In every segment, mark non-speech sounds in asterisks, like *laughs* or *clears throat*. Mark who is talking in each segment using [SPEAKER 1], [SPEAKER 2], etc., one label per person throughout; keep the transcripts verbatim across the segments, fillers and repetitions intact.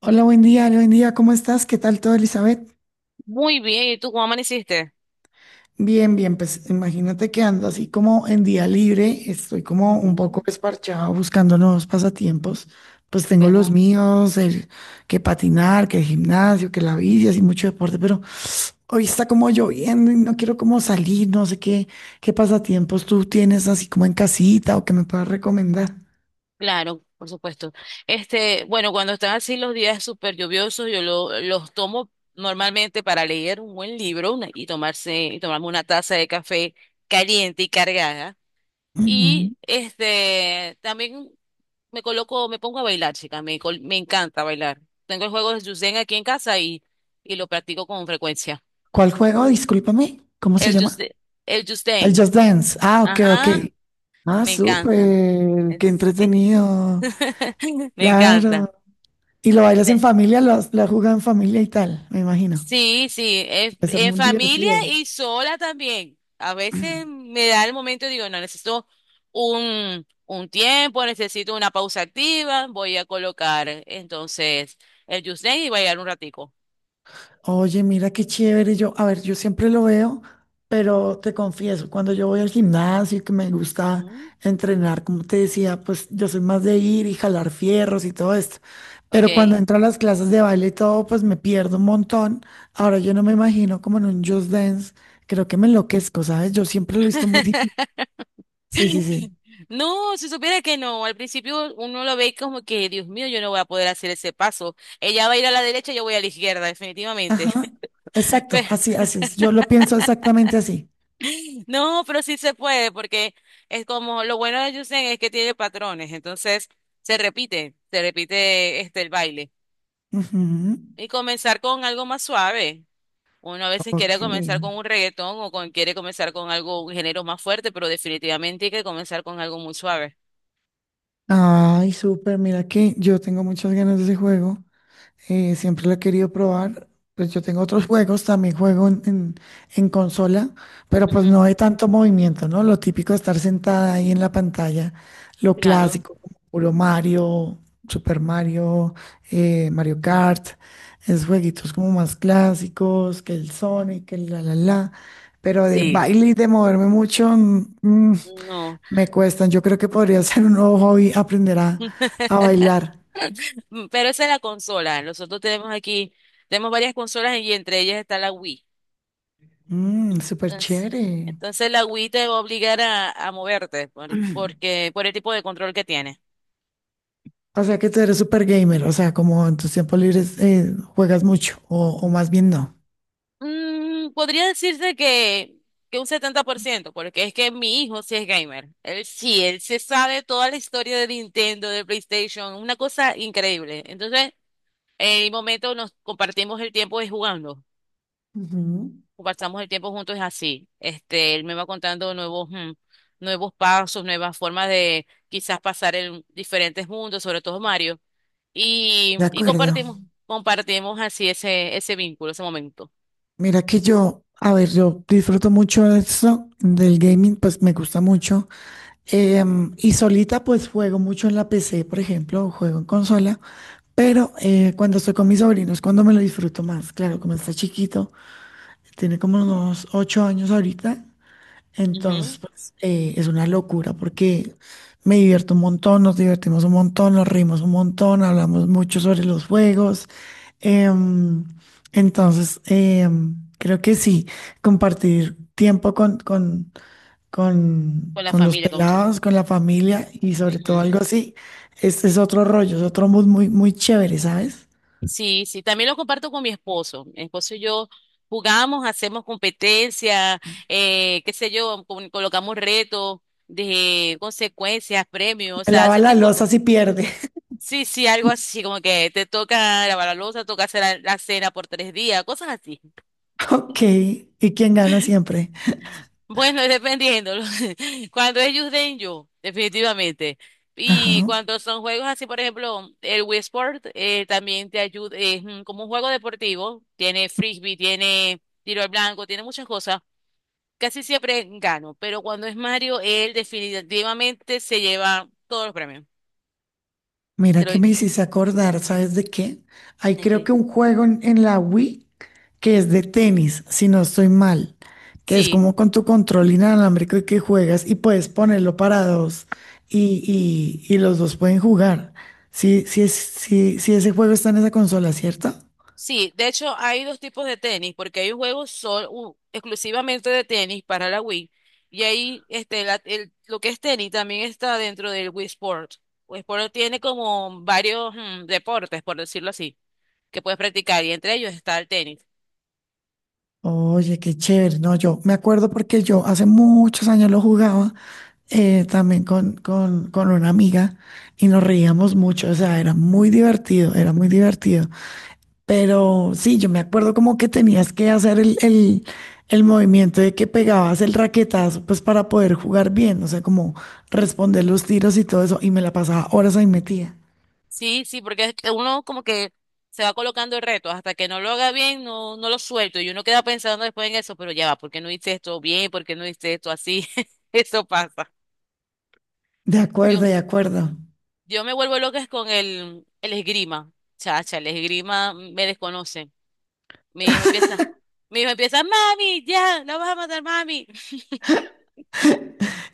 [SPEAKER 1] Hola, buen día, hola, buen día, ¿cómo estás? ¿Qué tal todo, Elizabeth?
[SPEAKER 2] Muy bien, ¿y tú cómo amaneciste?
[SPEAKER 1] Bien, bien, pues imagínate que ando así como en día libre, estoy como un poco
[SPEAKER 2] Ujú.
[SPEAKER 1] desparchado buscando nuevos pasatiempos, pues tengo los
[SPEAKER 2] ¿Verdad?
[SPEAKER 1] míos, el que patinar, que el gimnasio, que la bici, así mucho deporte, pero hoy está como lloviendo y no quiero como salir, no sé qué, qué pasatiempos tú tienes así como en casita o que me puedas recomendar.
[SPEAKER 2] Claro, por supuesto. Este, bueno, cuando están así los días súper lluviosos, yo lo- los tomo normalmente para leer un buen libro una- y tomarse, y tomarme una taza de café caliente y cargada.
[SPEAKER 1] Ujú.
[SPEAKER 2] Y este, también me coloco, me pongo a bailar, chica, me, col- me encanta bailar. Tengo el juego de Just Dance aquí en casa y, y lo practico con frecuencia.
[SPEAKER 1] ¿Cuál juego? Discúlpame, ¿cómo se
[SPEAKER 2] El
[SPEAKER 1] llama?
[SPEAKER 2] Just, el Just
[SPEAKER 1] El
[SPEAKER 2] Dance.
[SPEAKER 1] Just Dance. Ah, ok, ok.
[SPEAKER 2] Ajá.
[SPEAKER 1] Ah,
[SPEAKER 2] Me encanta.
[SPEAKER 1] súper, qué
[SPEAKER 2] Es- Sí,
[SPEAKER 1] entretenido,
[SPEAKER 2] *laughs* me encanta.
[SPEAKER 1] claro. Y lo bailas en
[SPEAKER 2] Te-
[SPEAKER 1] familia, lo, has- lo has jugado en familia y tal, me imagino.
[SPEAKER 2] Sí, sí, es-
[SPEAKER 1] Va a ser
[SPEAKER 2] en
[SPEAKER 1] muy
[SPEAKER 2] familia
[SPEAKER 1] divertido.
[SPEAKER 2] y sola también. A veces
[SPEAKER 1] *clears throat*
[SPEAKER 2] me da el momento y digo, no, necesito un, un tiempo, necesito una pausa activa, voy a colocar entonces el Just y voy a ir un ratico.
[SPEAKER 1] Oye, mira qué chévere. Yo, a ver, yo siempre lo veo, pero te confieso, cuando yo voy al gimnasio y que me gusta
[SPEAKER 2] Ujú.
[SPEAKER 1] entrenar, como te decía, pues yo soy más de ir y jalar fierros y todo esto.
[SPEAKER 2] Ok.
[SPEAKER 1] Pero cuando entro a las clases de baile y todo, pues me pierdo un montón. Ahora yo no me imagino como en un Just Dance. Creo que me enloquezco, ¿sabes? Yo siempre lo he visto muy difícil.
[SPEAKER 2] *laughs*
[SPEAKER 1] Sí, sí, sí.
[SPEAKER 2] No, si supiera que no, al principio uno lo ve como que, Dios mío, yo no voy a poder hacer ese paso. Ella va a ir a la derecha, yo voy a la izquierda, definitivamente.
[SPEAKER 1] Ajá. Exacto,
[SPEAKER 2] Pero-
[SPEAKER 1] así, así es. Yo lo pienso exactamente así.
[SPEAKER 2] *laughs* no, pero sí se puede, porque es como lo bueno de Yusen es que tiene patrones, entonces se repite, se repite este el baile.
[SPEAKER 1] Ujú.
[SPEAKER 2] Y comenzar con algo más suave. Uno a veces
[SPEAKER 1] Ok.
[SPEAKER 2] quiere comenzar con un reggaetón o con, quiere comenzar con algo, un género más fuerte, pero definitivamente hay que comenzar con algo muy suave.
[SPEAKER 1] Ay, súper, mira que yo tengo muchas ganas de ese juego. Eh, siempre lo he querido probar. Pues yo tengo otros *laughs* juegos, también juego en, en- en consola, pero pues no
[SPEAKER 2] Ujú.
[SPEAKER 1] hay tanto movimiento, ¿no? Lo típico de estar sentada ahí en la pantalla, lo
[SPEAKER 2] Claro.
[SPEAKER 1] clásico, como puro Mario, Super Mario, eh, Mario Kart, es jueguitos como más clásicos, que el Sonic, que el la la la, pero de
[SPEAKER 2] Sí.
[SPEAKER 1] baile y de moverme mucho, mm, mm,
[SPEAKER 2] No.
[SPEAKER 1] me cuestan. Yo creo que podría *laughs* ser un nuevo hobby aprender a,
[SPEAKER 2] *laughs*
[SPEAKER 1] a bailar.
[SPEAKER 2] Pero esa es la consola. Nosotros tenemos aquí, tenemos varias consolas y entre ellas está la Wii.
[SPEAKER 1] Mm, súper
[SPEAKER 2] Entonces,
[SPEAKER 1] chévere.
[SPEAKER 2] entonces la Wii te va a obligar a, a moverte por- porque, por el tipo de control que tiene.
[SPEAKER 1] O sea que tú eres super gamer, o sea, como en tus tiempos libres eh, juegas mucho, o, o más bien no.
[SPEAKER 2] Mm, podría decirse que, que un setenta por ciento, porque es que mi hijo sí es gamer. Él sí, él se sabe toda la historia de Nintendo, de PlayStation, una cosa increíble. Entonces, en el momento nos compartimos el tiempo de jugando.
[SPEAKER 1] Ujú.
[SPEAKER 2] Pasamos el tiempo juntos es así. Este, él me va contando nuevos, mm, nuevos pasos, nuevas formas de quizás pasar en diferentes mundos, sobre todo Mario, y,
[SPEAKER 1] De
[SPEAKER 2] y
[SPEAKER 1] acuerdo.
[SPEAKER 2] compartimos, compartimos así ese, ese vínculo, ese momento.
[SPEAKER 1] Mira que yo, a ver, yo disfruto mucho de esto, del gaming, pues me gusta mucho. Em, y solita, pues juego mucho en la P C, por ejemplo, o juego en consola. Pero eh, cuando estoy con mis sobrinos, cuando me lo disfruto más. Claro, como está chiquito, tiene como unos ocho años ahorita. Entonces,
[SPEAKER 2] Ujú.
[SPEAKER 1] pues, eh, es una locura porque me divierto un montón, nos divertimos un montón, nos rimos un montón, hablamos mucho sobre los juegos. Em, entonces, em, creo que sí, compartir tiempo con, con, con,
[SPEAKER 2] Con la
[SPEAKER 1] con los
[SPEAKER 2] familia, con nosotros.
[SPEAKER 1] pelados, con la familia y sobre todo
[SPEAKER 2] Ujú.
[SPEAKER 1] algo así, este es otro rollo, es otro mood muy, muy chévere, ¿sabes?
[SPEAKER 2] Sí, sí, también lo comparto con mi esposo. Mi esposo y yo jugamos, hacemos competencia, eh, qué sé yo, con- colocamos retos de consecuencias, premios, o
[SPEAKER 1] Me
[SPEAKER 2] sea,
[SPEAKER 1] lava
[SPEAKER 2] ese
[SPEAKER 1] la
[SPEAKER 2] tipo de.
[SPEAKER 1] loza si pierde. *laughs*
[SPEAKER 2] Sí, sí, algo así, como que te toca lavar la loza, toca hacer la, la cena por tres días, cosas así. *laughs*
[SPEAKER 1] Ok, ¿y quien gana siempre?
[SPEAKER 2] Bueno, dependiendo. lo- *laughs* Cuando es Just, yo, definitivamente. Y
[SPEAKER 1] Ajá.
[SPEAKER 2] cuando son juegos así, por ejemplo, el Wii Sport, eh, también te ayuda, es mm, como un juego deportivo, tiene frisbee, tiene tiro al blanco, tiene muchas cosas. Casi siempre gano, pero cuando es Mario, él definitivamente se lleva todos los premios.
[SPEAKER 1] Mira
[SPEAKER 2] Se lo...
[SPEAKER 1] que
[SPEAKER 2] ¿de
[SPEAKER 1] me hiciste acordar, ¿sabes de qué? Hay creo que
[SPEAKER 2] qué?
[SPEAKER 1] un juego en, en la Wii que es de tenis, si no estoy mal, que es
[SPEAKER 2] Sí.
[SPEAKER 1] como con tu control inalámbrico y que juegas y puedes ponerlo para dos y, y- y los dos pueden jugar. Sí, sí, es- sí, sí, ese juego está en esa consola, ¿cierto?
[SPEAKER 2] Sí, de hecho hay dos tipos de tenis, porque hay juegos sol- u- exclusivamente de tenis para la Wii, y ahí este, la- el- lo que es tenis también está dentro del Wii Sport. Wii Sport tiene como varios mm, deportes, por decirlo así, que puedes practicar, y entre ellos está el tenis.
[SPEAKER 1] Oye, qué chévere. No, yo me acuerdo porque yo hace muchos años lo jugaba eh, también con, con, con una amiga y nos
[SPEAKER 2] Ujú,
[SPEAKER 1] reíamos mucho. O sea, era muy divertido, era muy divertido. Pero sí, yo me acuerdo como que tenías que hacer el, el, el movimiento de que pegabas el raquetazo, pues para poder jugar
[SPEAKER 2] ujú.
[SPEAKER 1] bien, o sea, como responder los tiros y todo eso, y me la pasaba horas ahí metida.
[SPEAKER 2] Sí, sí, porque es que uno como que se va colocando el reto, hasta que no lo haga bien, no, no lo suelto, y uno queda pensando después en eso, pero ya va, ¿por qué no hice esto bien? ¿Por qué no hice esto así? *laughs* Eso pasa.
[SPEAKER 1] De acuerdo,
[SPEAKER 2] Yo,
[SPEAKER 1] de acuerdo.
[SPEAKER 2] Yo me vuelvo loca con el, el esgrima. Chacha, el esgrima me desconoce. Mi hijo empieza, Mi hijo empieza, mami, ya, la vas a matar, mami.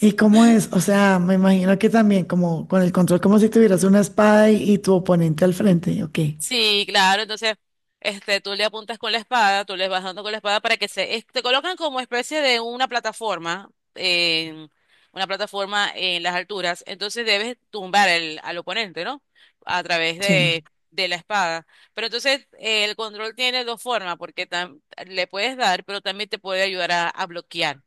[SPEAKER 1] ¿Y cómo es? O sea, me imagino que también como con el control, como si tuvieras una espada y, y tu oponente al frente, ok.
[SPEAKER 2] Sí, claro, entonces, este, tú le apuntas con la espada, tú les vas dando con la espada para que se, es- te colocan como especie de una plataforma, en, una plataforma en las alturas, entonces debes tumbar el, al oponente, ¿no? A través
[SPEAKER 1] Sí.
[SPEAKER 2] de, de la espada. Pero entonces, eh, el control tiene dos formas, porque tam- le puedes dar, pero también te puede ayudar a, a bloquear,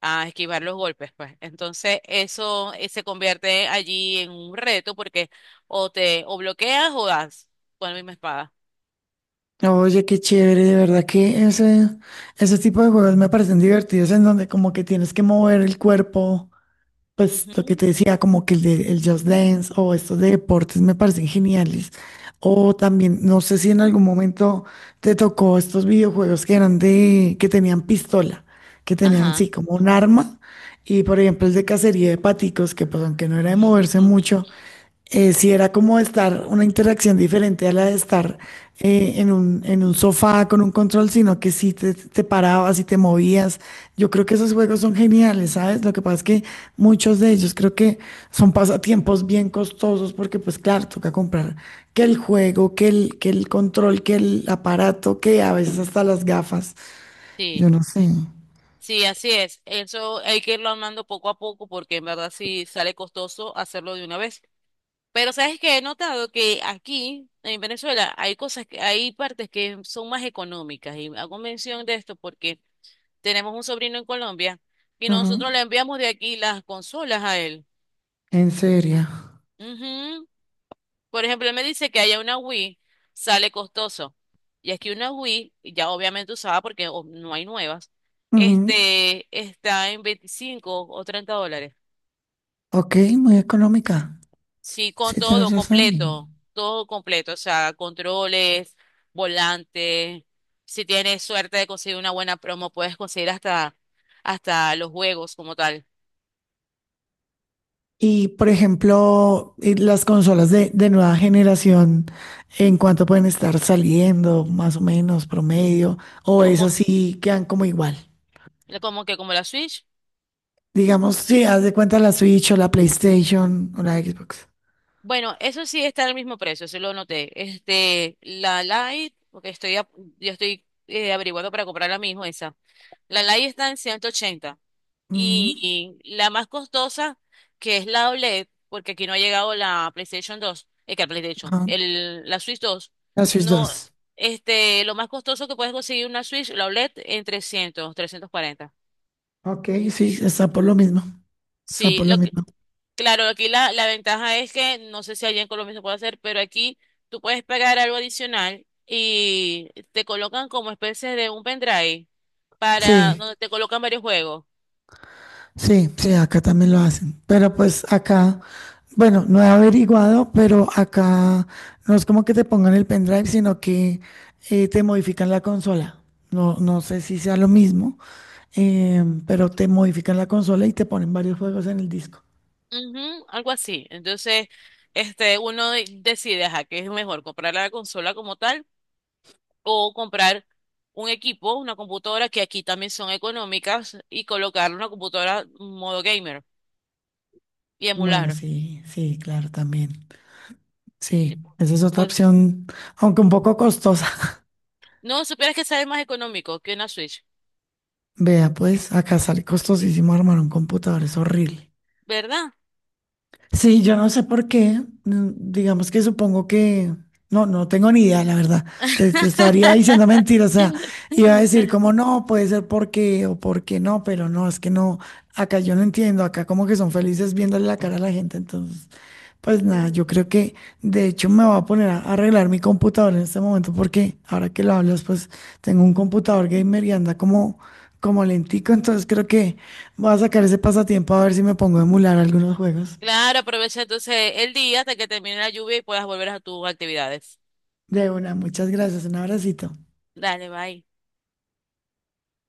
[SPEAKER 2] a esquivar los golpes, pues. Entonces, eso, eh, se convierte allí en un reto porque o te o bloqueas o das con la misma espada.
[SPEAKER 1] Oye, qué chévere, de verdad que ese, ese tipo de juegos me parecen divertidos en donde como que tienes que mover el cuerpo. Pues lo que
[SPEAKER 2] Ujú.
[SPEAKER 1] te decía, como que el de el Just Dance o estos de deportes me parecen geniales. O también, no sé si en algún momento te tocó estos videojuegos que eran de, que tenían pistola, que tenían
[SPEAKER 2] Ajá.
[SPEAKER 1] sí, como un arma. Y por ejemplo, el de cacería de paticos, que pues aunque no era de moverse mucho,
[SPEAKER 2] *laughs*
[SPEAKER 1] eh, sí era como estar una interacción diferente a la de estar eh, en un, en un sofá con un control, sino que sí te, te parabas y te movías. Yo creo que esos juegos son geniales, ¿sabes? Lo que pasa es que muchos de ellos creo que son pasatiempos bien costosos porque pues claro, toca comprar que el juego, que el, que el control, que el aparato, que a veces hasta las gafas.
[SPEAKER 2] Sí,
[SPEAKER 1] Yo no sé.
[SPEAKER 2] sí, así es. Eso hay que irlo armando poco a poco porque en verdad sí sale costoso hacerlo de una vez. Pero sabes que he notado que aquí en Venezuela hay cosas que, hay partes que son más económicas y hago mención de esto porque tenemos un sobrino en Colombia y
[SPEAKER 1] Ajá.
[SPEAKER 2] nosotros le enviamos de aquí las consolas a él.
[SPEAKER 1] ¿En serio?
[SPEAKER 2] Ujú. Por ejemplo, él me dice que haya una Wii, sale costoso. Y es que una Wii, ya obviamente usada porque o- no hay nuevas,
[SPEAKER 1] Ujú.
[SPEAKER 2] este, está en veinticinco o treinta dólares.
[SPEAKER 1] Ok, muy económica.
[SPEAKER 2] Sí, con
[SPEAKER 1] Sí, tienes
[SPEAKER 2] todo
[SPEAKER 1] razón.
[SPEAKER 2] completo, todo completo, o sea, controles, volante. Si tienes suerte de conseguir una buena promo, puedes conseguir hasta, hasta los juegos como tal.
[SPEAKER 1] Y, por ejemplo, eh, las consolas de, de nueva generación, ¿en cuánto pueden estar saliendo, más o menos, promedio? ¿O es
[SPEAKER 2] Como,
[SPEAKER 1] así, quedan como igual?
[SPEAKER 2] Como que como la Switch.
[SPEAKER 1] Digamos, si haz de cuenta la Switch o la PlayStation o la Xbox.
[SPEAKER 2] Bueno, eso sí está al mismo precio, eso lo noté. Este, la Light, porque estoy, a- yo estoy eh, averiguando para comprar la misma esa. La Light está en ciento ochenta
[SPEAKER 1] Ujú,
[SPEAKER 2] y la más costosa, que es la OLED, porque aquí no ha llegado la PlayStation dos, eh, que la PlayStation,
[SPEAKER 1] ajá.
[SPEAKER 2] el, la Switch dos,
[SPEAKER 1] La Switch
[SPEAKER 2] no,
[SPEAKER 1] dos.
[SPEAKER 2] este, lo más costoso que puedes conseguir una Switch, la OLED, en trescientos, trescientos cuarenta.
[SPEAKER 1] Ok, sí, está por lo mismo. Está
[SPEAKER 2] Sí,
[SPEAKER 1] por lo
[SPEAKER 2] lo que...
[SPEAKER 1] mismo.
[SPEAKER 2] Claro, aquí la, la ventaja es que no sé si allá en Colombia se puede hacer, pero aquí tú puedes pagar algo adicional y te colocan como especie de un pendrive para
[SPEAKER 1] Sí.
[SPEAKER 2] donde te colocan varios juegos.
[SPEAKER 1] Sí, sí, acá también lo hacen. Pero pues acá, bueno, no he averiguado, pero acá no es como que te pongan el pendrive, sino que eh, te modifican la consola. No, no sé si sea lo mismo, eh, pero te modifican la consola y te ponen varios juegos en el disco.
[SPEAKER 2] Ujú, algo así. Entonces, este, uno de- decide, ajá, qué es mejor, comprar la consola como tal o comprar un equipo, una computadora que aquí también son económicas y colocar una computadora modo gamer y
[SPEAKER 1] Bueno,
[SPEAKER 2] emular.
[SPEAKER 1] sí, sí, claro, también.
[SPEAKER 2] Y,
[SPEAKER 1] Sí, esa es otra
[SPEAKER 2] Pues,
[SPEAKER 1] opción, aunque un poco costosa. *laughs*
[SPEAKER 2] no, supieras que sale más económico que una Switch.
[SPEAKER 1] Vea, pues acá sale costosísimo armar un computador, es horrible.
[SPEAKER 2] ¿Verdad?
[SPEAKER 1] Sí, yo no sé por qué. mm, Digamos que supongo que... No, no tengo ni idea, la verdad. Te, te estaría diciendo mentira. O sea, iba a decir como
[SPEAKER 2] *laughs*
[SPEAKER 1] no, puede ser porque o porque no, pero no, es que no. Acá yo no entiendo. Acá como que son felices viéndole la cara a la gente. Entonces, pues nada, yo creo que de hecho me voy a poner a arreglar mi computador en este momento porque ahora que lo hablas, pues tengo un computador gamer y anda como, como lentico. Entonces creo que voy a sacar ese pasatiempo a ver si me pongo a emular algunos juegos.
[SPEAKER 2] Claro, aprovecha entonces el día hasta que termine la lluvia y puedas volver a tus actividades.
[SPEAKER 1] De una, muchas gracias, un abracito.
[SPEAKER 2] Dale, bye.